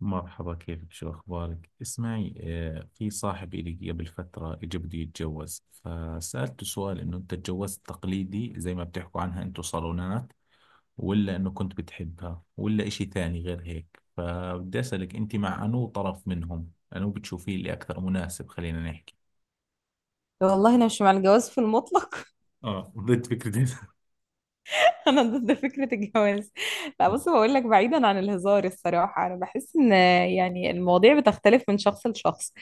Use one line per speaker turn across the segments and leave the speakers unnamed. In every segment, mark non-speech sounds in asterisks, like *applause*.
مرحبا، كيفك؟ شو أخبارك؟ اسمعي، في صاحب إلي قبل فترة إجا بده يتجوز، فسألته سؤال إنه أنت تجوزت تقليدي زي ما بتحكوا عنها أنتوا، صالونات، ولا إنه كنت بتحبها، ولا إشي ثاني غير هيك. فبدي أسألك أنت مع أنو طرف منهم أنو بتشوفيه اللي أكثر مناسب، خلينا نحكي.
والله انا مش مع الجواز في المطلق.
اه، ضد فكرة *laughs*
*laughs* انا ضد فكره الجواز. لا بص بقول لك، بعيدا عن الهزار الصراحه انا بحس ان يعني المواضيع بتختلف من شخص لشخص.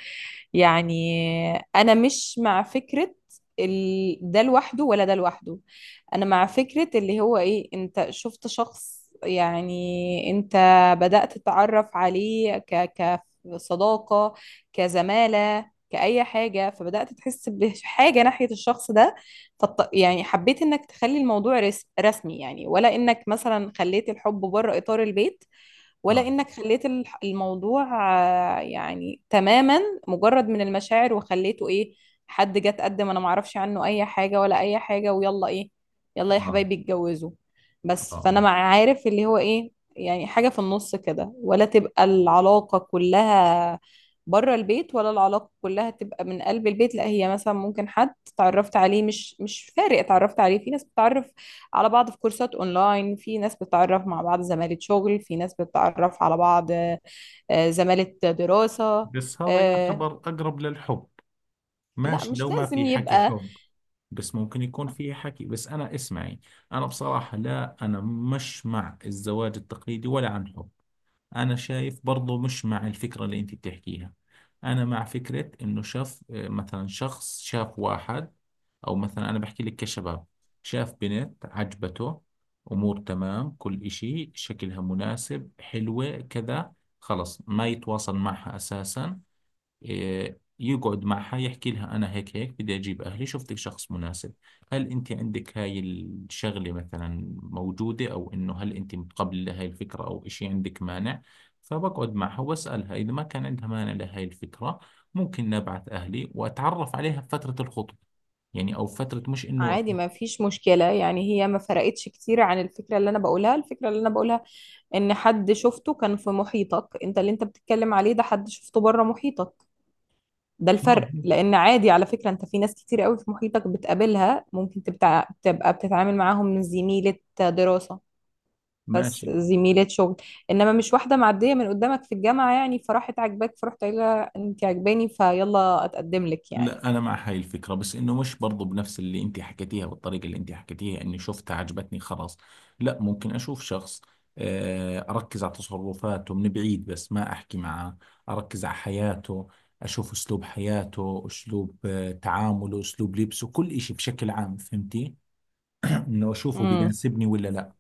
يعني انا مش مع فكره ده لوحده ولا ده لوحده. انا مع فكره اللي هو ايه، انت شفت شخص، يعني انت بدات تتعرف عليه كصداقه، كزماله، كأي حاجة، فبدأت تحس بحاجة ناحية الشخص ده. يعني حبيت انك تخلي الموضوع رسمي يعني، ولا انك مثلا خليت الحب بره اطار البيت، ولا
آه.
انك خليت الموضوع يعني تماما مجرد من المشاعر، وخليته ايه، حد جه اتقدم، انا معرفش عنه اي حاجة ولا اي حاجة، ويلا ايه، يلا يا
آه.
حبايبي اتجوزوا.
آه.
بس فانا
آه.
مع عارف اللي هو ايه، يعني حاجة في النص كده، ولا تبقى العلاقة كلها بره البيت، ولا العلاقة كلها تبقى من قلب البيت. لا هي مثلا ممكن حد اتعرفت عليه، مش فارق اتعرفت عليه. في ناس بتتعرف على بعض في كورسات اونلاين، في ناس بتتعرف مع بعض زمالة شغل، في ناس بتتعرف على بعض زمالة دراسة.
بس هذا
آه،
يعتبر أقرب للحب،
لا
ماشي لو
مش
ما
لازم
في حكي
يبقى
حب. بس ممكن يكون فيه حكي. بس أنا اسمعي، أنا بصراحة لا أنا مش مع الزواج التقليدي ولا عن حب. أنا شايف برضو مش مع الفكرة اللي أنت بتحكيها. أنا مع فكرة إنه شاف، مثلا شخص شاف واحد، أو مثلا أنا بحكي لك كشباب، شاف بنت عجبته، أمور تمام، كل إشي شكلها مناسب، حلوة كذا. خلص، ما يتواصل معها أساسا. يقعد معها يحكي لها أنا هيك هيك بدي أجيب أهلي، شفتك شخص مناسب، هل أنت عندك هاي الشغلة مثلا موجودة، أو إنه هل أنت متقبلة لهاي الفكرة، أو إشي عندك مانع. فبقعد معها وأسألها إذا ما كان عندها مانع لهاي الفكرة، ممكن نبعث أهلي وأتعرف عليها بفترة الخطوة، يعني أو فترة مش إنه
عادي،
أكون،
ما فيش مشكلة. يعني هي ما فرقتش كتير عن الفكرة اللي انا بقولها. الفكرة اللي انا بقولها ان حد شفته كان في محيطك انت، اللي انت بتتكلم عليه ده حد شفته بره محيطك، ده
آه،
الفرق. لان عادي على فكرة، انت في ناس كتير قوي في محيطك بتقابلها، ممكن تبقى بتتعامل معاهم من زميلة دراسة،
ماشي.
زميلات شغل. انما مش واحده معديه من قدامك في الجامعه يعني، فراحت عاجباك، فرحت قايله انت عاجباني فيلا اتقدم لك يعني.
لا، انا مع هاي الفكره، بس انه مش برضو بنفس اللي انت حكيتيها، والطريقه اللي انت حكيتيها اني شفتها عجبتني خلاص، لا. ممكن اشوف شخص، اركز على تصرفاته من بعيد بس ما احكي معه، اركز على حياته، اشوف اسلوب حياته، اسلوب تعامله، اسلوب لبسه، كل اشي بشكل عام، فهمتي؟ *clears throat* انه اشوفه
امم
بيناسبني ولا لا.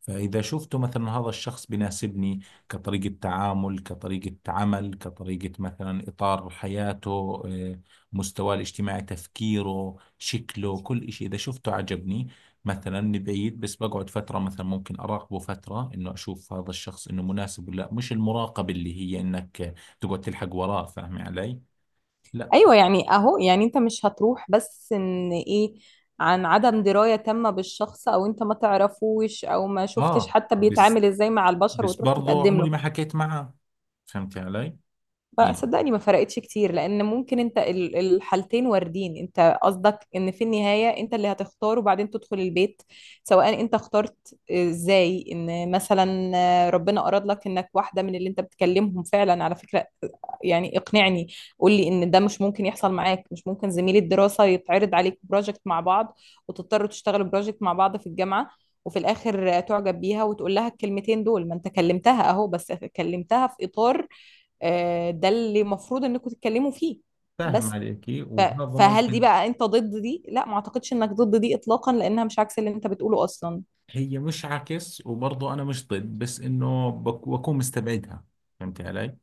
فإذا شفت مثلا هذا الشخص بيناسبني، كطريقة تعامل، كطريقة عمل، كطريقة مثلا إطار حياته، مستواه الاجتماعي، تفكيره، شكله، كل إشي، إذا شفته عجبني مثلا من بعيد. بس بقعد فترة مثلا، ممكن أراقبه فترة إنه أشوف هذا الشخص إنه مناسب ولا لا. مش المراقبة اللي هي إنك تقعد تلحق وراه، فاهمي علي؟ لا.
ايوه يعني، اهو يعني، انت مش هتروح بس ان ايه، عن عدم درايه تامه بالشخص، او انت ما تعرفوش، او ما شفتش
آه،
حتى
بس،
بيتعامل ازاي مع البشر،
بس
وتروح
برضه
تتقدم له.
عمري ما حكيت معه، فهمتي علي؟
بقى
يعني
صدقني ما فرقتش كتير، لان ممكن انت الحالتين واردين. انت قصدك ان في النهاية انت اللي هتختار وبعدين تدخل البيت، سواء انت اخترت ازاي. ان مثلا ربنا اراد لك انك واحدة من اللي انت بتكلمهم فعلا على فكرة، يعني اقنعني، قول لي ان ده مش ممكن يحصل معاك. مش ممكن زميل الدراسة يتعرض عليك بروجكت مع بعض، وتضطروا تشتغلوا بروجكت مع بعض في الجامعة، وفي الاخر تعجب بيها وتقول لها الكلمتين دول؟ ما انت كلمتها اهو، بس كلمتها في اطار ده اللي المفروض انكم تتكلموا فيه.
فاهم
بس
عليكي،
ف-
وهذا
فهل دي
ممكن.
بقى انت ضد دي؟ لا ما اعتقدش انك ضد دي اطلاقا، لانها مش عكس اللي انت بتقوله اصلا.
هي مش عكس، وبرضه انا مش ضد، بس انه بكون مستبعدها، فهمت علي.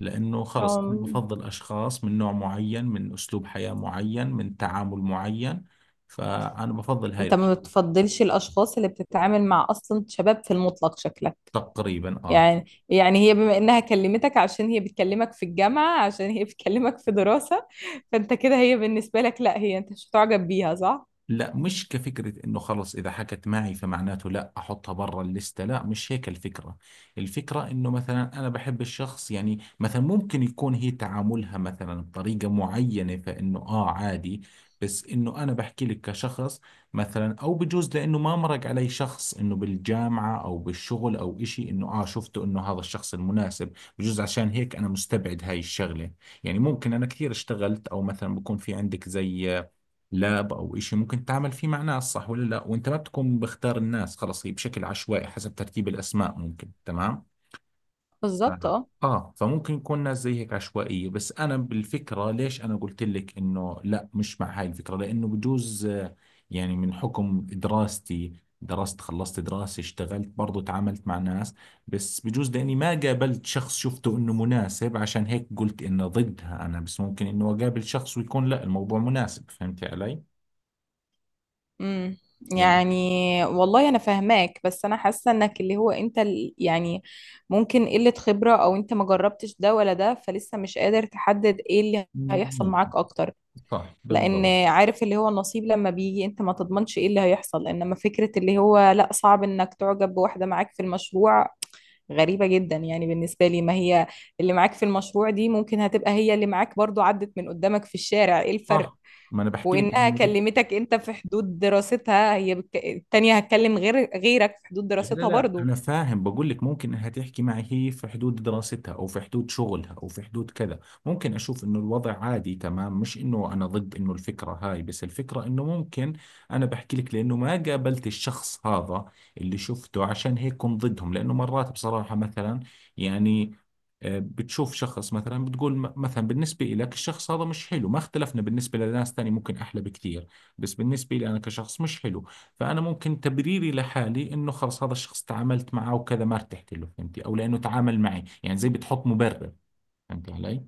لانه خلص انا
أم،
بفضل اشخاص من نوع معين، من اسلوب حياة معين، من تعامل معين، فانا بفضل هاي
انت
الأشخاص.
ما بتفضلش الاشخاص اللي بتتعامل مع، اصلا شباب في المطلق شكلك.
تقريبا اه.
يعني يعني هي بما انها كلمتك عشان هي بتكلمك في الجامعة، عشان هي بتكلمك في دراسة، فانت كده هي بالنسبة لك لا، هي انت مش هتعجب بيها صح؟
لا، مش كفكرة انه خلص اذا حكت معي فمعناته لا احطها برا الليستة، لا مش هيك الفكرة. الفكرة انه مثلا انا بحب الشخص، يعني مثلا ممكن يكون هي تعاملها مثلا بطريقة معينة، فانه اه عادي. بس انه انا بحكي لك كشخص، مثلا او بجوز لانه ما مرق علي شخص انه بالجامعة او بالشغل او اشي انه اه شفته انه هذا الشخص المناسب. بجوز عشان هيك انا مستبعد هاي الشغلة، يعني ممكن انا كثير اشتغلت، او مثلا بكون في عندك زي لاب او إشي ممكن تتعامل فيه مع ناس، صح ولا لا؟ وانت ما بتكون بختار الناس، خلص هي بشكل عشوائي حسب ترتيب الاسماء، ممكن، تمام.
بالظبط
آه.
اه.
اه، فممكن يكون ناس زي هيك عشوائية. بس انا بالفكرة، ليش انا قلت لك انه لا مش مع هاي الفكرة، لانه بجوز يعني من حكم دراستي، درست، خلصت دراسة، اشتغلت، برضو تعاملت مع ناس، بس بجوز لاني ما قابلت شخص شفته انه مناسب، عشان هيك قلت انه ضدها انا. بس ممكن انه اقابل شخص ويكون لا الموضوع مناسب، فهمتي علي؟
امم
يعني
يعني والله انا فاهماك، بس انا حاسه انك اللي هو انت يعني ممكن قله خبره، او انت ما جربتش ده ولا ده، فلسه مش قادر تحدد ايه اللي هيحصل
ممكن.
معاك اكتر.
صح
لان
بالضبط.
عارف اللي هو النصيب لما بيجي انت ما تضمنش ايه اللي هيحصل، انما فكره اللي هو لا صعب انك تعجب بواحده معاك في المشروع، غريبه جدا يعني بالنسبه لي. ما هي اللي معاك في المشروع دي ممكن هتبقى هي اللي معاك برضو عدت من قدامك في الشارع، ايه الفرق؟
صح، ما انا بحكي لك
وانها
انه.
كلمتك انت في حدود دراستها، هي التانية هتكلم غير غيرك في حدود
لا لا
دراستها
لا،
برضو.
انا فاهم، بقول لك ممكن انها تحكي معي هي في حدود دراستها، او في حدود شغلها، او في حدود كذا. ممكن اشوف انه الوضع عادي تمام، مش انه انا ضد انه الفكرة هاي. بس الفكرة انه ممكن انا بحكي لك لانه ما قابلت الشخص هذا اللي شفته، عشان هيك كنت ضدهم. لانه مرات بصراحة مثلا، يعني، بتشوف شخص مثلا بتقول مثلا بالنسبة لك الشخص هذا مش حلو، ما اختلفنا، بالنسبة لناس تاني ممكن أحلى بكثير. بس بالنسبة لي أنا كشخص مش حلو. فأنا ممكن تبريري لحالي إنه خلص هذا الشخص تعاملت معه وكذا ما ارتحت له، فهمتي؟ أو لأنه تعامل معي، يعني زي بتحط مبرر، فهمتي علي؟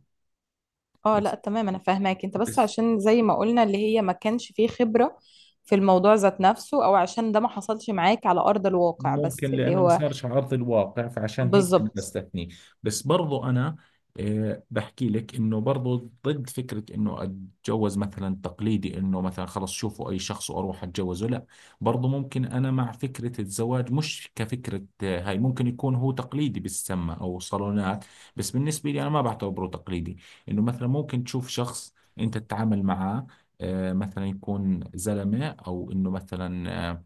اه
بس،
لا تمام انا فاهماك انت، بس
بس
عشان زي ما قلنا اللي هي ما كانش فيه خبرة في الموضوع ذات نفسه، او عشان ده ما حصلش معاك على ارض الواقع، بس
ممكن
اللي
لأنه ما
هو
صارش على أرض الواقع، فعشان هيك أنا
بالظبط.
بستثنيه. بس برضو أنا، بحكي لك إنه برضو ضد فكرة إنه أتجوز مثلا تقليدي، إنه مثلا خلص شوفوا أي شخص وأروح أتجوزه، لا. برضو ممكن أنا مع فكرة الزواج، مش كفكرة، هاي ممكن يكون هو تقليدي بالسمة أو صالونات، بس بالنسبة لي أنا ما بعتبره تقليدي. إنه مثلا ممكن تشوف شخص أنت تتعامل معاه، مثلا يكون زلمة، أو إنه مثلا،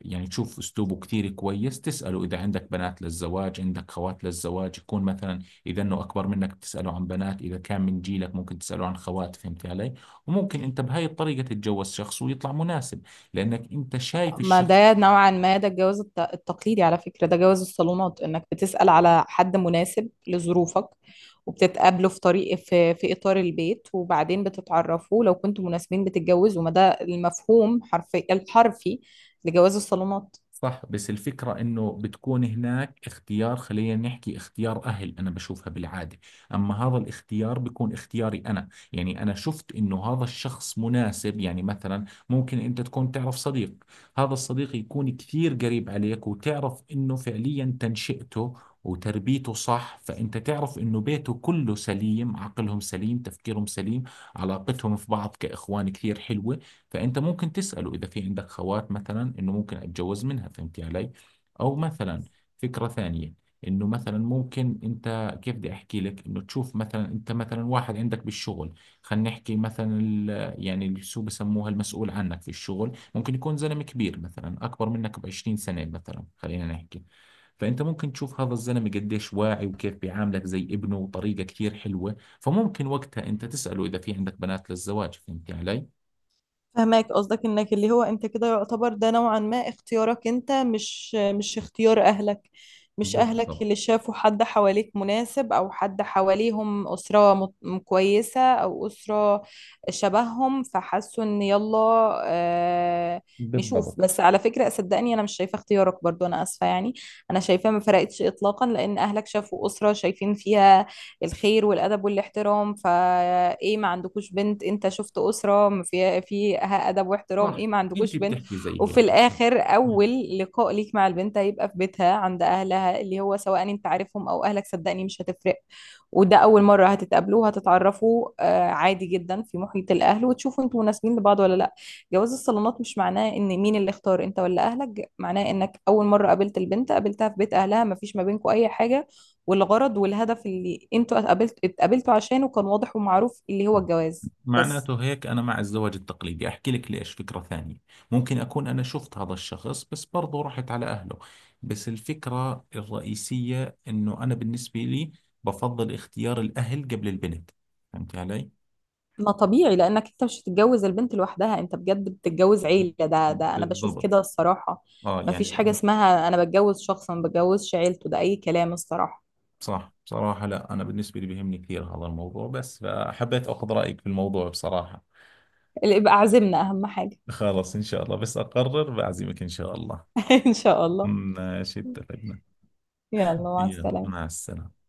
يعني تشوف اسلوبه كتير كويس، تسأله اذا عندك بنات للزواج، عندك خوات للزواج، يكون مثلا اذا انه اكبر منك بتسأله عن بنات، اذا كان من جيلك ممكن تسأله عن خوات، فهمت علي. وممكن انت بهاي الطريقة تتجوز شخص ويطلع مناسب، لانك انت شايف
ما
الشخص.
ده نوعا ما ده الجواز التقليدي على فكرة، ده جواز الصالونات، انك بتسأل على حد مناسب لظروفك، وبتتقابلوا في طريق، في إطار البيت، وبعدين بتتعرفوا لو كنتوا مناسبين بتتجوزوا. ما ده المفهوم حرفي الحرفي لجواز الصالونات.
صح، بس الفكرة إنه بتكون هناك اختيار، خلينا نحكي اختيار أهل، أنا بشوفها بالعادة. أما هذا الاختيار بيكون اختياري أنا، يعني أنا شفت إنه هذا الشخص مناسب. يعني مثلا ممكن أنت تكون تعرف صديق، هذا الصديق يكون كثير قريب عليك، وتعرف إنه فعليا تنشئته وتربيته صح، فأنت تعرف إنه بيته كله سليم، عقلهم سليم، تفكيرهم سليم، علاقتهم في بعض كإخوان كثير حلوة، فانت ممكن تساله اذا في عندك خوات مثلا انه ممكن اتجوز منها، فهمتي علي. او مثلا فكره ثانيه، انه مثلا ممكن انت، كيف بدي احكي لك، انه تشوف مثلا انت مثلا واحد عندك بالشغل، خلينا نحكي مثلا يعني اللي شو بسموها، المسؤول عنك في الشغل، ممكن يكون زلمه كبير، مثلا اكبر منك ب 20 سنه مثلا، خلينا نحكي. فانت ممكن تشوف هذا الزلمه قديش واعي، وكيف بيعاملك زي ابنه، وطريقه كثير حلوه، فممكن وقتها انت تساله اذا في عندك بنات للزواج، فهمتي علي.
فهماك قصدك، انك اللي هو انت كده يعتبر ده نوعا ما اختيارك انت، مش اختيار اهلك، مش اهلك
بالضبط.
اللي شافوا حد حواليك مناسب، او حد حواليهم اسرة كويسة، او اسرة شبههم، فحسوا ان يلا آه نشوف.
بالضبط.
بس على فكرة صدقني انا مش شايفة اختيارك برضو، انا اسفة يعني. انا شايفة ما فرقتش اطلاقا، لان اهلك شافوا اسرة شايفين فيها الخير والادب والاحترام فايه، ما عندكوش بنت؟ انت شفت اسره ما في فيها ادب واحترام
صح،
ايه، ما
انت
عندكوش بنت؟
بتحكي زي
وفي
هيك.
الاخر
مم.
اول لقاء ليك مع البنت هيبقى في بيتها عند اهلها، اللي هو سواء انت عارفهم او اهلك صدقني مش هتفرق. وده اول مره هتتقابلوا، هتتعرفوا عادي جدا في محيط الاهل، وتشوفوا انتوا مناسبين لبعض ولا لا. جواز الصالونات مش معناه ان مين اللي اختار، انت ولا اهلك، معناه انك اول مره قابلت البنت قابلتها في بيت اهلها، مفيش ما بينكوا اي حاجه، والغرض والهدف اللي انتوا اتقابلتوا عشانه كان واضح ومعروف اللي هو
آه.
الجواز بس.
معناته هيك انا مع الزواج التقليدي، احكي لك ليش. فكرة ثانية، ممكن اكون انا شفت هذا الشخص، بس برضه رحت على اهله. بس الفكرة الرئيسية انه انا بالنسبة لي بفضل اختيار الاهل قبل البنت، فهمت علي.
ما طبيعي، لانك انت مش هتتجوز البنت لوحدها، انت بجد بتتجوز عيلة، ده انا بشوف
بالضبط.
كده الصراحة.
اه،
ما
يعني
فيش حاجة
لان.
اسمها انا بتجوز شخص ما بتجوزش عيلته، ده اي كلام الصراحة.
صح، بصراحة لا، انا بالنسبة لي بيهمني كثير هذا الموضوع، بس فحبيت اخذ رأيك في الموضوع بصراحة.
اللي يبقى عزمنا اهم حاجة.
خلاص، ان شاء الله بس اقرر بعزمك ان شاء الله.
*laughs* ان شاء الله.
ماشي، اتفقنا.
يلا مع
يلا، مع
السلامة.
السلامة.